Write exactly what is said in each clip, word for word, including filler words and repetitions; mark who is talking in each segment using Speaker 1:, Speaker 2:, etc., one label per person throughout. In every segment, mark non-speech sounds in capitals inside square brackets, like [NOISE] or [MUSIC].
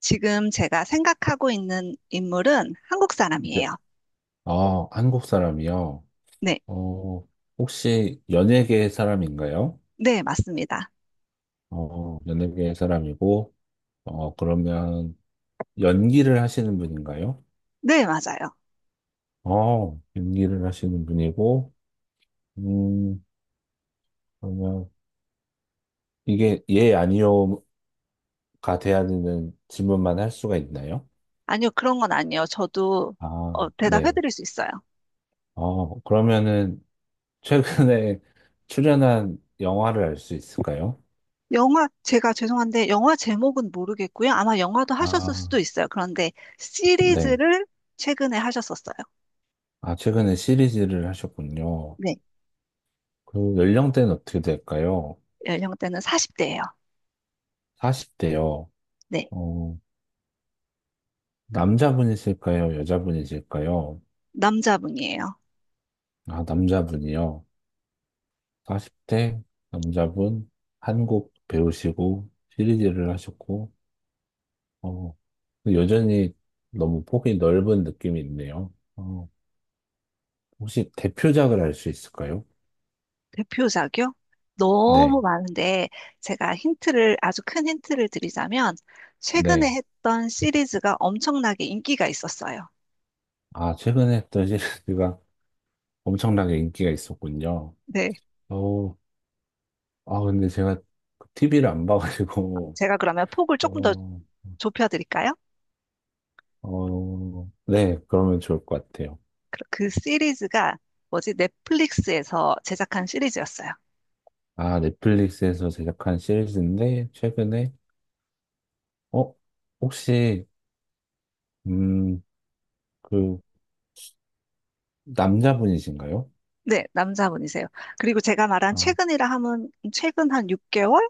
Speaker 1: 지금 제가 생각하고 있는 인물은 한국
Speaker 2: 네.
Speaker 1: 사람이에요.
Speaker 2: 아, 한국 사람이요?
Speaker 1: 네,
Speaker 2: 어, 혹시 연예계 사람인가요?
Speaker 1: 네, 맞습니다.
Speaker 2: 어, 연예계 사람이고, 어, 그러면 연기를 하시는 분인가요?
Speaker 1: 네, 맞아요.
Speaker 2: 어, 연기를 하시는 분이고, 음, 그러면 이게 예, 아니요가 돼야 되는 질문만 할 수가 있나요?
Speaker 1: 아니요, 그런 건 아니에요. 저도 어,
Speaker 2: 아, 네.
Speaker 1: 대답해드릴 수 있어요.
Speaker 2: 어, 그러면은 최근에 [LAUGHS] 출연한 영화를 알 수 있을까요?
Speaker 1: 영화, 제가 죄송한데, 영화 제목은 모르겠고요. 아마 영화도 하셨을
Speaker 2: 아,
Speaker 1: 수도 있어요. 그런데
Speaker 2: 네.
Speaker 1: 시리즈를 최근에 하셨었어요.
Speaker 2: 아, 최근에 시리즈를 하셨군요.
Speaker 1: 네,
Speaker 2: 그 연령대는 어떻게 될까요?
Speaker 1: 연령대는 사십 대예요.
Speaker 2: 사십 대요.
Speaker 1: 네,
Speaker 2: 어, 남자분이실까요? 여자분이실까요?
Speaker 1: 남자분이에요.
Speaker 2: 아, 남자분이요. 사십 대 남자분 한국 배우시고 시리즈를 하셨고, 어, 여전히 너무 폭이 넓은 느낌이 있네요. 어, 혹시 대표작을 알 수 있을까요?
Speaker 1: 대표작이요? 너무
Speaker 2: 네,
Speaker 1: 많은데 제가 힌트를 아주 큰 힌트를 드리자면 최근에
Speaker 2: 네.
Speaker 1: 했던 시리즈가 엄청나게 인기가 있었어요.
Speaker 2: 아, 최근에 했던 [LAUGHS] 시리즈가 엄청나게 인기가 있었군요.
Speaker 1: 네,
Speaker 2: 어, 아, 근데 제가 티비를 안 봐가지고,
Speaker 1: 제가 그러면 폭을 조금 더
Speaker 2: 어,
Speaker 1: 좁혀 드릴까요?
Speaker 2: 어, 네, 그러면 좋을 것 같아요.
Speaker 1: 그, 그 시리즈가 뭐지? 넷플릭스에서 제작한 시리즈였어요.
Speaker 2: 아, 넷플릭스에서 제작한 시리즈인데, 최근에, 어, 혹시, 음, 그, 남자분이신가요?
Speaker 1: 네, 남자분이세요. 그리고 제가 말한
Speaker 2: 아,
Speaker 1: 최근이라 하면 최근 한 육 개월?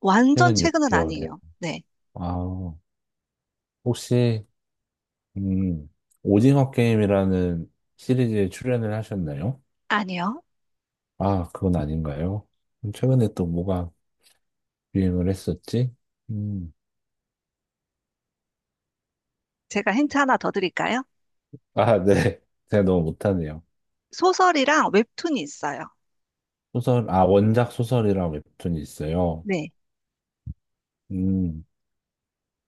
Speaker 1: 완전
Speaker 2: 최근
Speaker 1: 최근은
Speaker 2: 육 개월이요.
Speaker 1: 아니에요. 네,
Speaker 2: 아, 혹시, 음, 오징어 게임이라는 시리즈에 출연을 하셨나요?
Speaker 1: 아니요.
Speaker 2: 아, 그건 아닌가요? 최근에 또 뭐가 유행을 했었지? 음,
Speaker 1: 제가 힌트 하나 더 드릴까요?
Speaker 2: 아, 네. [LAUGHS] 제가 너무 못하네요.
Speaker 1: 소설이랑 웹툰이 있어요.
Speaker 2: 소설, 아, 원작 소설이랑 웹툰이 있어요.
Speaker 1: 네.
Speaker 2: 음,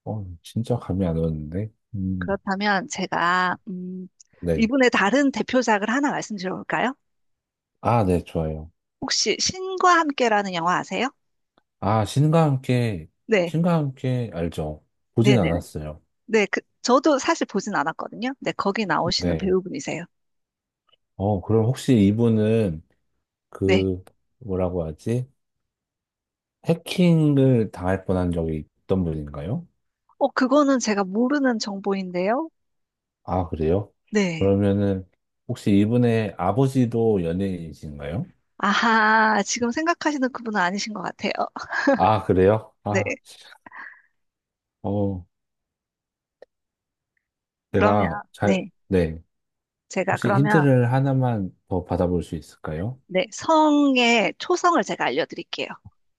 Speaker 2: 어, 진짜 감이 안 오는데? 음,
Speaker 1: 그렇다면 제가 음,
Speaker 2: 네.
Speaker 1: 이분의 다른 대표작을 하나 말씀드려볼까요?
Speaker 2: 아, 네, 좋아요.
Speaker 1: 혹시 신과 함께라는 영화 아세요?
Speaker 2: 아, 신과 함께,
Speaker 1: 네,
Speaker 2: 신과 함께 알죠. 보진
Speaker 1: 네, 네, 네.
Speaker 2: 않았어요.
Speaker 1: 네, 그 저도 사실 보진 않았거든요. 네, 거기 나오시는
Speaker 2: 네.
Speaker 1: 배우분이세요.
Speaker 2: 어, 그럼 혹시 이분은
Speaker 1: 네.
Speaker 2: 그, 뭐라고 하지? 해킹을 당할 뻔한 적이 있던 분인가요?
Speaker 1: 어, 그거는 제가 모르는 정보인데요.
Speaker 2: 아, 그래요?
Speaker 1: 네.
Speaker 2: 그러면은, 혹시 이분의 아버지도 연예인이신가요?
Speaker 1: 아하, 지금 생각하시는 그분은 아니신 것 같아요. 어,
Speaker 2: 아, 그래요?
Speaker 1: 네.
Speaker 2: 아, 어,
Speaker 1: 그러면
Speaker 2: 제가 잘,
Speaker 1: 네,
Speaker 2: 네.
Speaker 1: 제가
Speaker 2: 혹시
Speaker 1: 그러면
Speaker 2: 힌트를 하나만 더 받아볼 수 있을까요?
Speaker 1: 네, 성의 초성을 제가 알려드릴게요.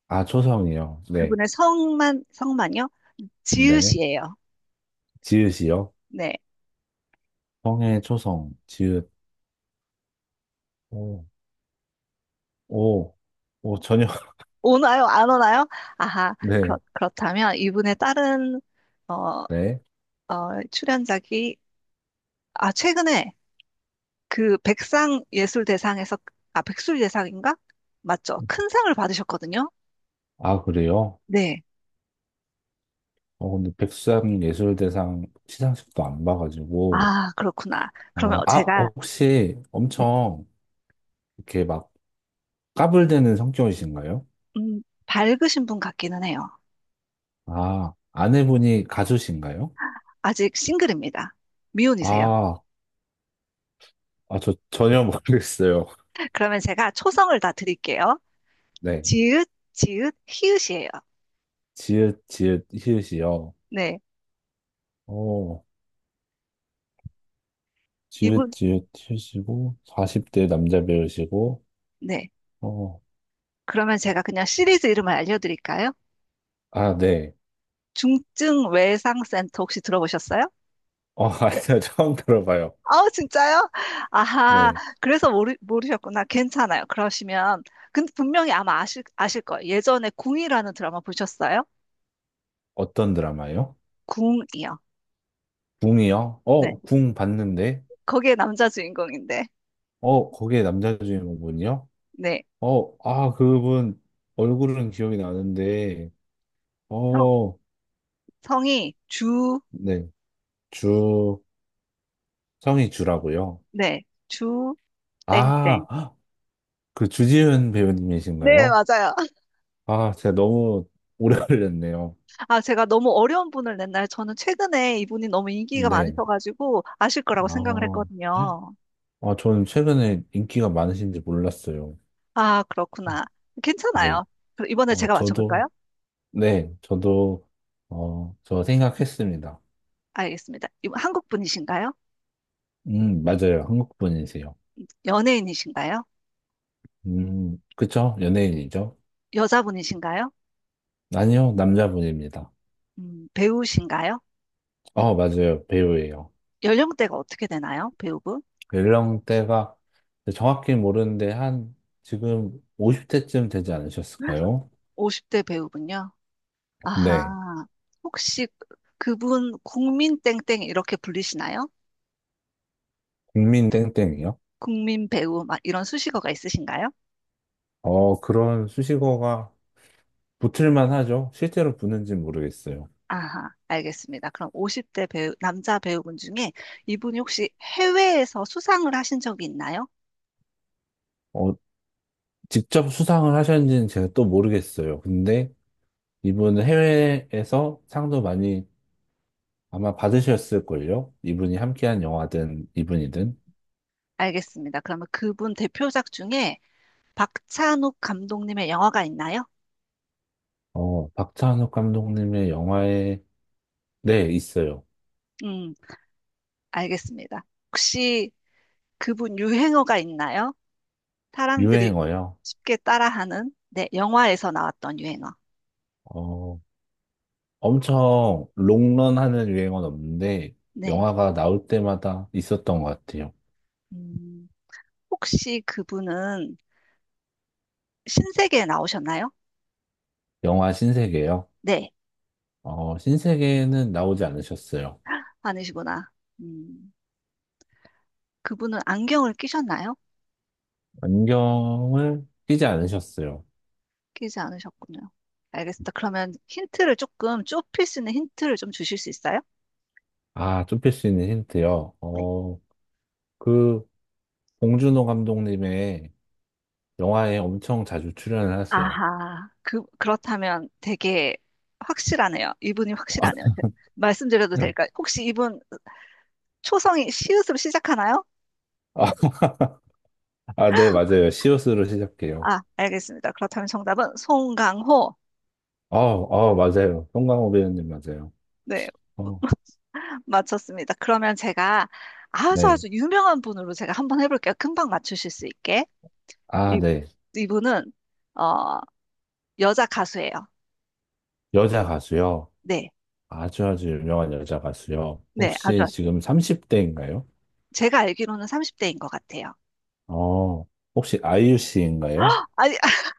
Speaker 2: 아, 초성이요. 네.
Speaker 1: 그분의 성만 성만요?
Speaker 2: 네.
Speaker 1: 지읒이에요.
Speaker 2: 지읒이요.
Speaker 1: 네.
Speaker 2: 성의 초성, 지읒. 오, 오, 오, 전혀. [LAUGHS]
Speaker 1: 오나요? 안 오나요? 아하, 그렇,
Speaker 2: 네.
Speaker 1: 그렇다면 이분의 다른, 어, 어,
Speaker 2: 네.
Speaker 1: 출연작이, 아, 최근에 그 백상예술대상에서, 아, 백술예상인가? 맞죠? 큰 상을 받으셨거든요?
Speaker 2: 아, 그래요?
Speaker 1: 네.
Speaker 2: 어, 근데 백수장 예술대상 시상식도 안 봐가지고.
Speaker 1: 아, 그렇구나.
Speaker 2: 아,
Speaker 1: 그러면
Speaker 2: 아,
Speaker 1: 제가,
Speaker 2: 혹시
Speaker 1: 네,
Speaker 2: 엄청 이렇게 막 까불대는 성격이신가요?
Speaker 1: 음, 밝으신 분 같기는 해요.
Speaker 2: 아, 아내분이 가수신가요?
Speaker 1: 아직 싱글입니다. 미혼이세요.
Speaker 2: 아, 아, 저 전혀 모르겠어요. [LAUGHS]
Speaker 1: [LAUGHS] 그러면 제가 초성을 다 드릴게요.
Speaker 2: 네.
Speaker 1: 지읒, 지읒, 히읗이에요.
Speaker 2: 지읒, 지읒, 히읗이요.
Speaker 1: 네.
Speaker 2: 어,
Speaker 1: 이분,
Speaker 2: 지읒지읒 하시고 사십 대 남자 배우시고
Speaker 1: 네.
Speaker 2: 어,
Speaker 1: 그러면 제가 그냥 시리즈 이름을 알려드릴까요?
Speaker 2: 아, 네.
Speaker 1: 중증 외상 센터 혹시 들어보셨어요?
Speaker 2: 어, [LAUGHS] 아니요. 처음 들어봐요.
Speaker 1: 아우, 진짜요? 아하,
Speaker 2: 네.
Speaker 1: 그래서 모르, 모르셨구나. 괜찮아요. 그러시면, 근데 분명히 아마 아실, 아실 거예요. 예전에 궁이라는 드라마 보셨어요?
Speaker 2: 어떤 드라마요?
Speaker 1: 궁이요.
Speaker 2: 궁이요?
Speaker 1: 네.
Speaker 2: 어, 궁 봤는데.
Speaker 1: 거기에 남자 주인공인데,
Speaker 2: 어, 거기에 남자 주인공분이요?
Speaker 1: 네.
Speaker 2: 어, 아, 그분 얼굴은 기억이 나는데.
Speaker 1: 성,
Speaker 2: 어,
Speaker 1: 성이 주,
Speaker 2: 네. 주 성이 주라고요.
Speaker 1: 네. 주,
Speaker 2: 아,
Speaker 1: 땡땡.
Speaker 2: 헉, 그 주지훈
Speaker 1: 네,
Speaker 2: 배우님이신가요?
Speaker 1: 맞아요. [LAUGHS]
Speaker 2: 아, 제가 너무 오래 [LAUGHS] 걸렸네요.
Speaker 1: 아, 제가 너무 어려운 분을 냈나요? 저는 최근에 이분이 너무 인기가
Speaker 2: 네.
Speaker 1: 많으셔가지고 아실 거라고 생각을
Speaker 2: 아.
Speaker 1: 했거든요.
Speaker 2: 아, 저는 최근에 인기가 많으신지 몰랐어요.
Speaker 1: 아,
Speaker 2: 어,
Speaker 1: 그렇구나.
Speaker 2: 네.
Speaker 1: 괜찮아요. 그럼 이번에
Speaker 2: 어,
Speaker 1: 제가
Speaker 2: 저도,
Speaker 1: 맞춰볼까요?
Speaker 2: 네, 저도, 어, 저 생각했습니다.
Speaker 1: 알겠습니다. 이분 한국 분이신가요?
Speaker 2: 음, 맞아요. 한국분이세요.
Speaker 1: 연예인이신가요?
Speaker 2: 음, 그쵸? 연예인이죠?
Speaker 1: 여자분이신가요?
Speaker 2: 아니요, 남자분입니다.
Speaker 1: 음, 배우신가요?
Speaker 2: 어, 맞아요. 배우예요.
Speaker 1: 연령대가 어떻게 되나요? 배우분?
Speaker 2: 연령대가 정확히 모르는데 한, 지금 오십 대쯤 되지 않으셨을까요?
Speaker 1: 오십 대 배우분요.
Speaker 2: 네.
Speaker 1: 아하. 혹시 그분 국민 땡땡 이렇게 불리시나요?
Speaker 2: 국민 땡땡이요?
Speaker 1: 국민 배우 막 이런 수식어가 있으신가요?
Speaker 2: 어, 그런 수식어가 붙을만 하죠. 실제로 붙는지 모르겠어요.
Speaker 1: 아하, 알겠습니다. 그럼 오십 대 배우, 남자 배우분 중에 이분이 혹시 해외에서 수상을 하신 적이 있나요?
Speaker 2: 어, 직접 수상을 하셨는지는 제가 또 모르겠어요. 근데 이분은 해외에서 상도 많이 아마 받으셨을걸요? 이분이 함께한 영화든 이분이든.
Speaker 1: 알겠습니다. 그러면 그분 대표작 중에 박찬욱 감독님의 영화가 있나요?
Speaker 2: 어, 박찬욱 감독님의 영화에, 네, 있어요.
Speaker 1: 음, 알겠습니다. 혹시 그분 유행어가 있나요? 사람들이
Speaker 2: 유행어요.
Speaker 1: 쉽게 따라하는, 네, 영화에서 나왔던 유행어.
Speaker 2: 어, 엄청 롱런하는 유행어는 없는데,
Speaker 1: 네.
Speaker 2: 영화가 나올 때마다 있었던 것 같아요.
Speaker 1: 음, 혹시 그분은 신세계에 나오셨나요?
Speaker 2: 영화 신세계요.
Speaker 1: 네,
Speaker 2: 어, 신세계는 나오지 않으셨어요.
Speaker 1: 아니시구나. 음, 그분은 안경을 끼셨나요?
Speaker 2: 안경을 끼지 않으셨어요.
Speaker 1: 끼지 않으셨군요. 알겠습니다. 그러면 힌트를 조금 좁힐 수 있는 힌트를 좀 주실 수 있어요?
Speaker 2: 아, 좁힐 수 있는 힌트요.
Speaker 1: 네.
Speaker 2: 어, 그, 봉준호 감독님의 영화에 엄청 자주 출연을 하세요.
Speaker 1: 아하, 그, 그렇다면 되게 확실하네요. 이분이 확실하네요. 제- 말씀드려도 될까요?
Speaker 2: [LAUGHS]
Speaker 1: 혹시 이분 초성이 시옷으로 시작하나요?
Speaker 2: 아, 아, 아, 네, 맞아요. 시옷으로 시작해요.
Speaker 1: 아, 알겠습니다. 그렇다면 정답은 송강호.
Speaker 2: 어, 어, 맞아요. 송강호 배우님 맞아요.
Speaker 1: 네,
Speaker 2: 어,
Speaker 1: [LAUGHS] 맞췄습니다. 그러면 제가 아주
Speaker 2: 네.
Speaker 1: 아주 유명한 분으로 제가 한번 해볼게요. 금방 맞추실 수 있게.
Speaker 2: 아,
Speaker 1: 이,
Speaker 2: 네.
Speaker 1: 이분은, 어, 여자 가수예요.
Speaker 2: 여자 가수요.
Speaker 1: 네,
Speaker 2: 아주 아주 유명한 여자 가수요.
Speaker 1: 네, 아주
Speaker 2: 혹시
Speaker 1: 아주.
Speaker 2: 지금 삼십 대인가요?
Speaker 1: 제가 알기로는 삼십 대인 것 같아요.
Speaker 2: 어, 혹시 아이유 씨인가요?
Speaker 1: 아니, [LAUGHS]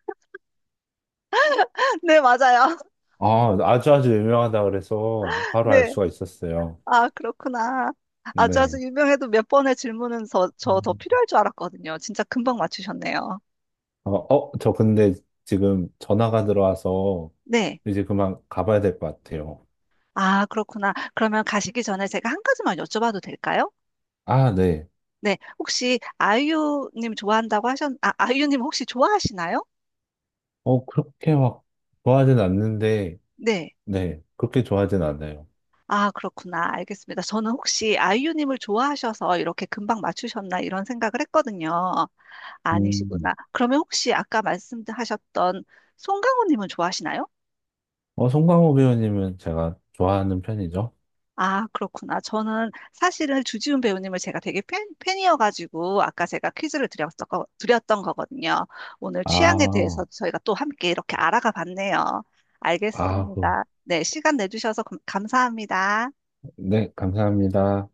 Speaker 1: 네, 맞아요. [LAUGHS]
Speaker 2: 아, 아주 아주 유명하다 그래서 바로 알
Speaker 1: 네.
Speaker 2: 수가 있었어요.
Speaker 1: 아, 그렇구나. 아주 아주
Speaker 2: 네.
Speaker 1: 유명해도 몇 번의 질문은 저 더 필요할 줄 알았거든요. 진짜 금방 맞추셨네요.
Speaker 2: 어, 어, 저 근데 지금 전화가 들어와서
Speaker 1: 네.
Speaker 2: 이제 그만 가봐야 될 것 같아요.
Speaker 1: 아, 그렇구나. 그러면 가시기 전에 제가 한 가지만 여쭤봐도 될까요?
Speaker 2: 아, 네.
Speaker 1: 네. 혹시 아이유님 좋아한다고 하셨, 아, 아이유님 혹시 좋아하시나요?
Speaker 2: 어, 그렇게 막 좋아하진 않는데,
Speaker 1: 네.
Speaker 2: 네. 그렇게 좋아하진 않아요.
Speaker 1: 아, 그렇구나. 알겠습니다. 저는 혹시 아이유님을 좋아하셔서 이렇게 금방 맞추셨나 이런 생각을 했거든요.
Speaker 2: 음.
Speaker 1: 아니시구나. 그러면 혹시 아까 말씀하셨던 송강호님은 좋아하시나요?
Speaker 2: 어, 송강호 배우님은 제가 좋아하는 편이죠.
Speaker 1: 아, 그렇구나. 저는 사실은 주지훈 배우님을 제가 되게 팬, 팬이어가지고 아까 제가 퀴즈를 드렸던, 거, 드렸던 거거든요. 오늘 취향에 대해서
Speaker 2: 아,
Speaker 1: 저희가 또 함께 이렇게 알아가 봤네요.
Speaker 2: 아, 그,
Speaker 1: 알겠습니다. 네, 시간 내주셔서 감- 감사합니다.
Speaker 2: 네. 감사합니다.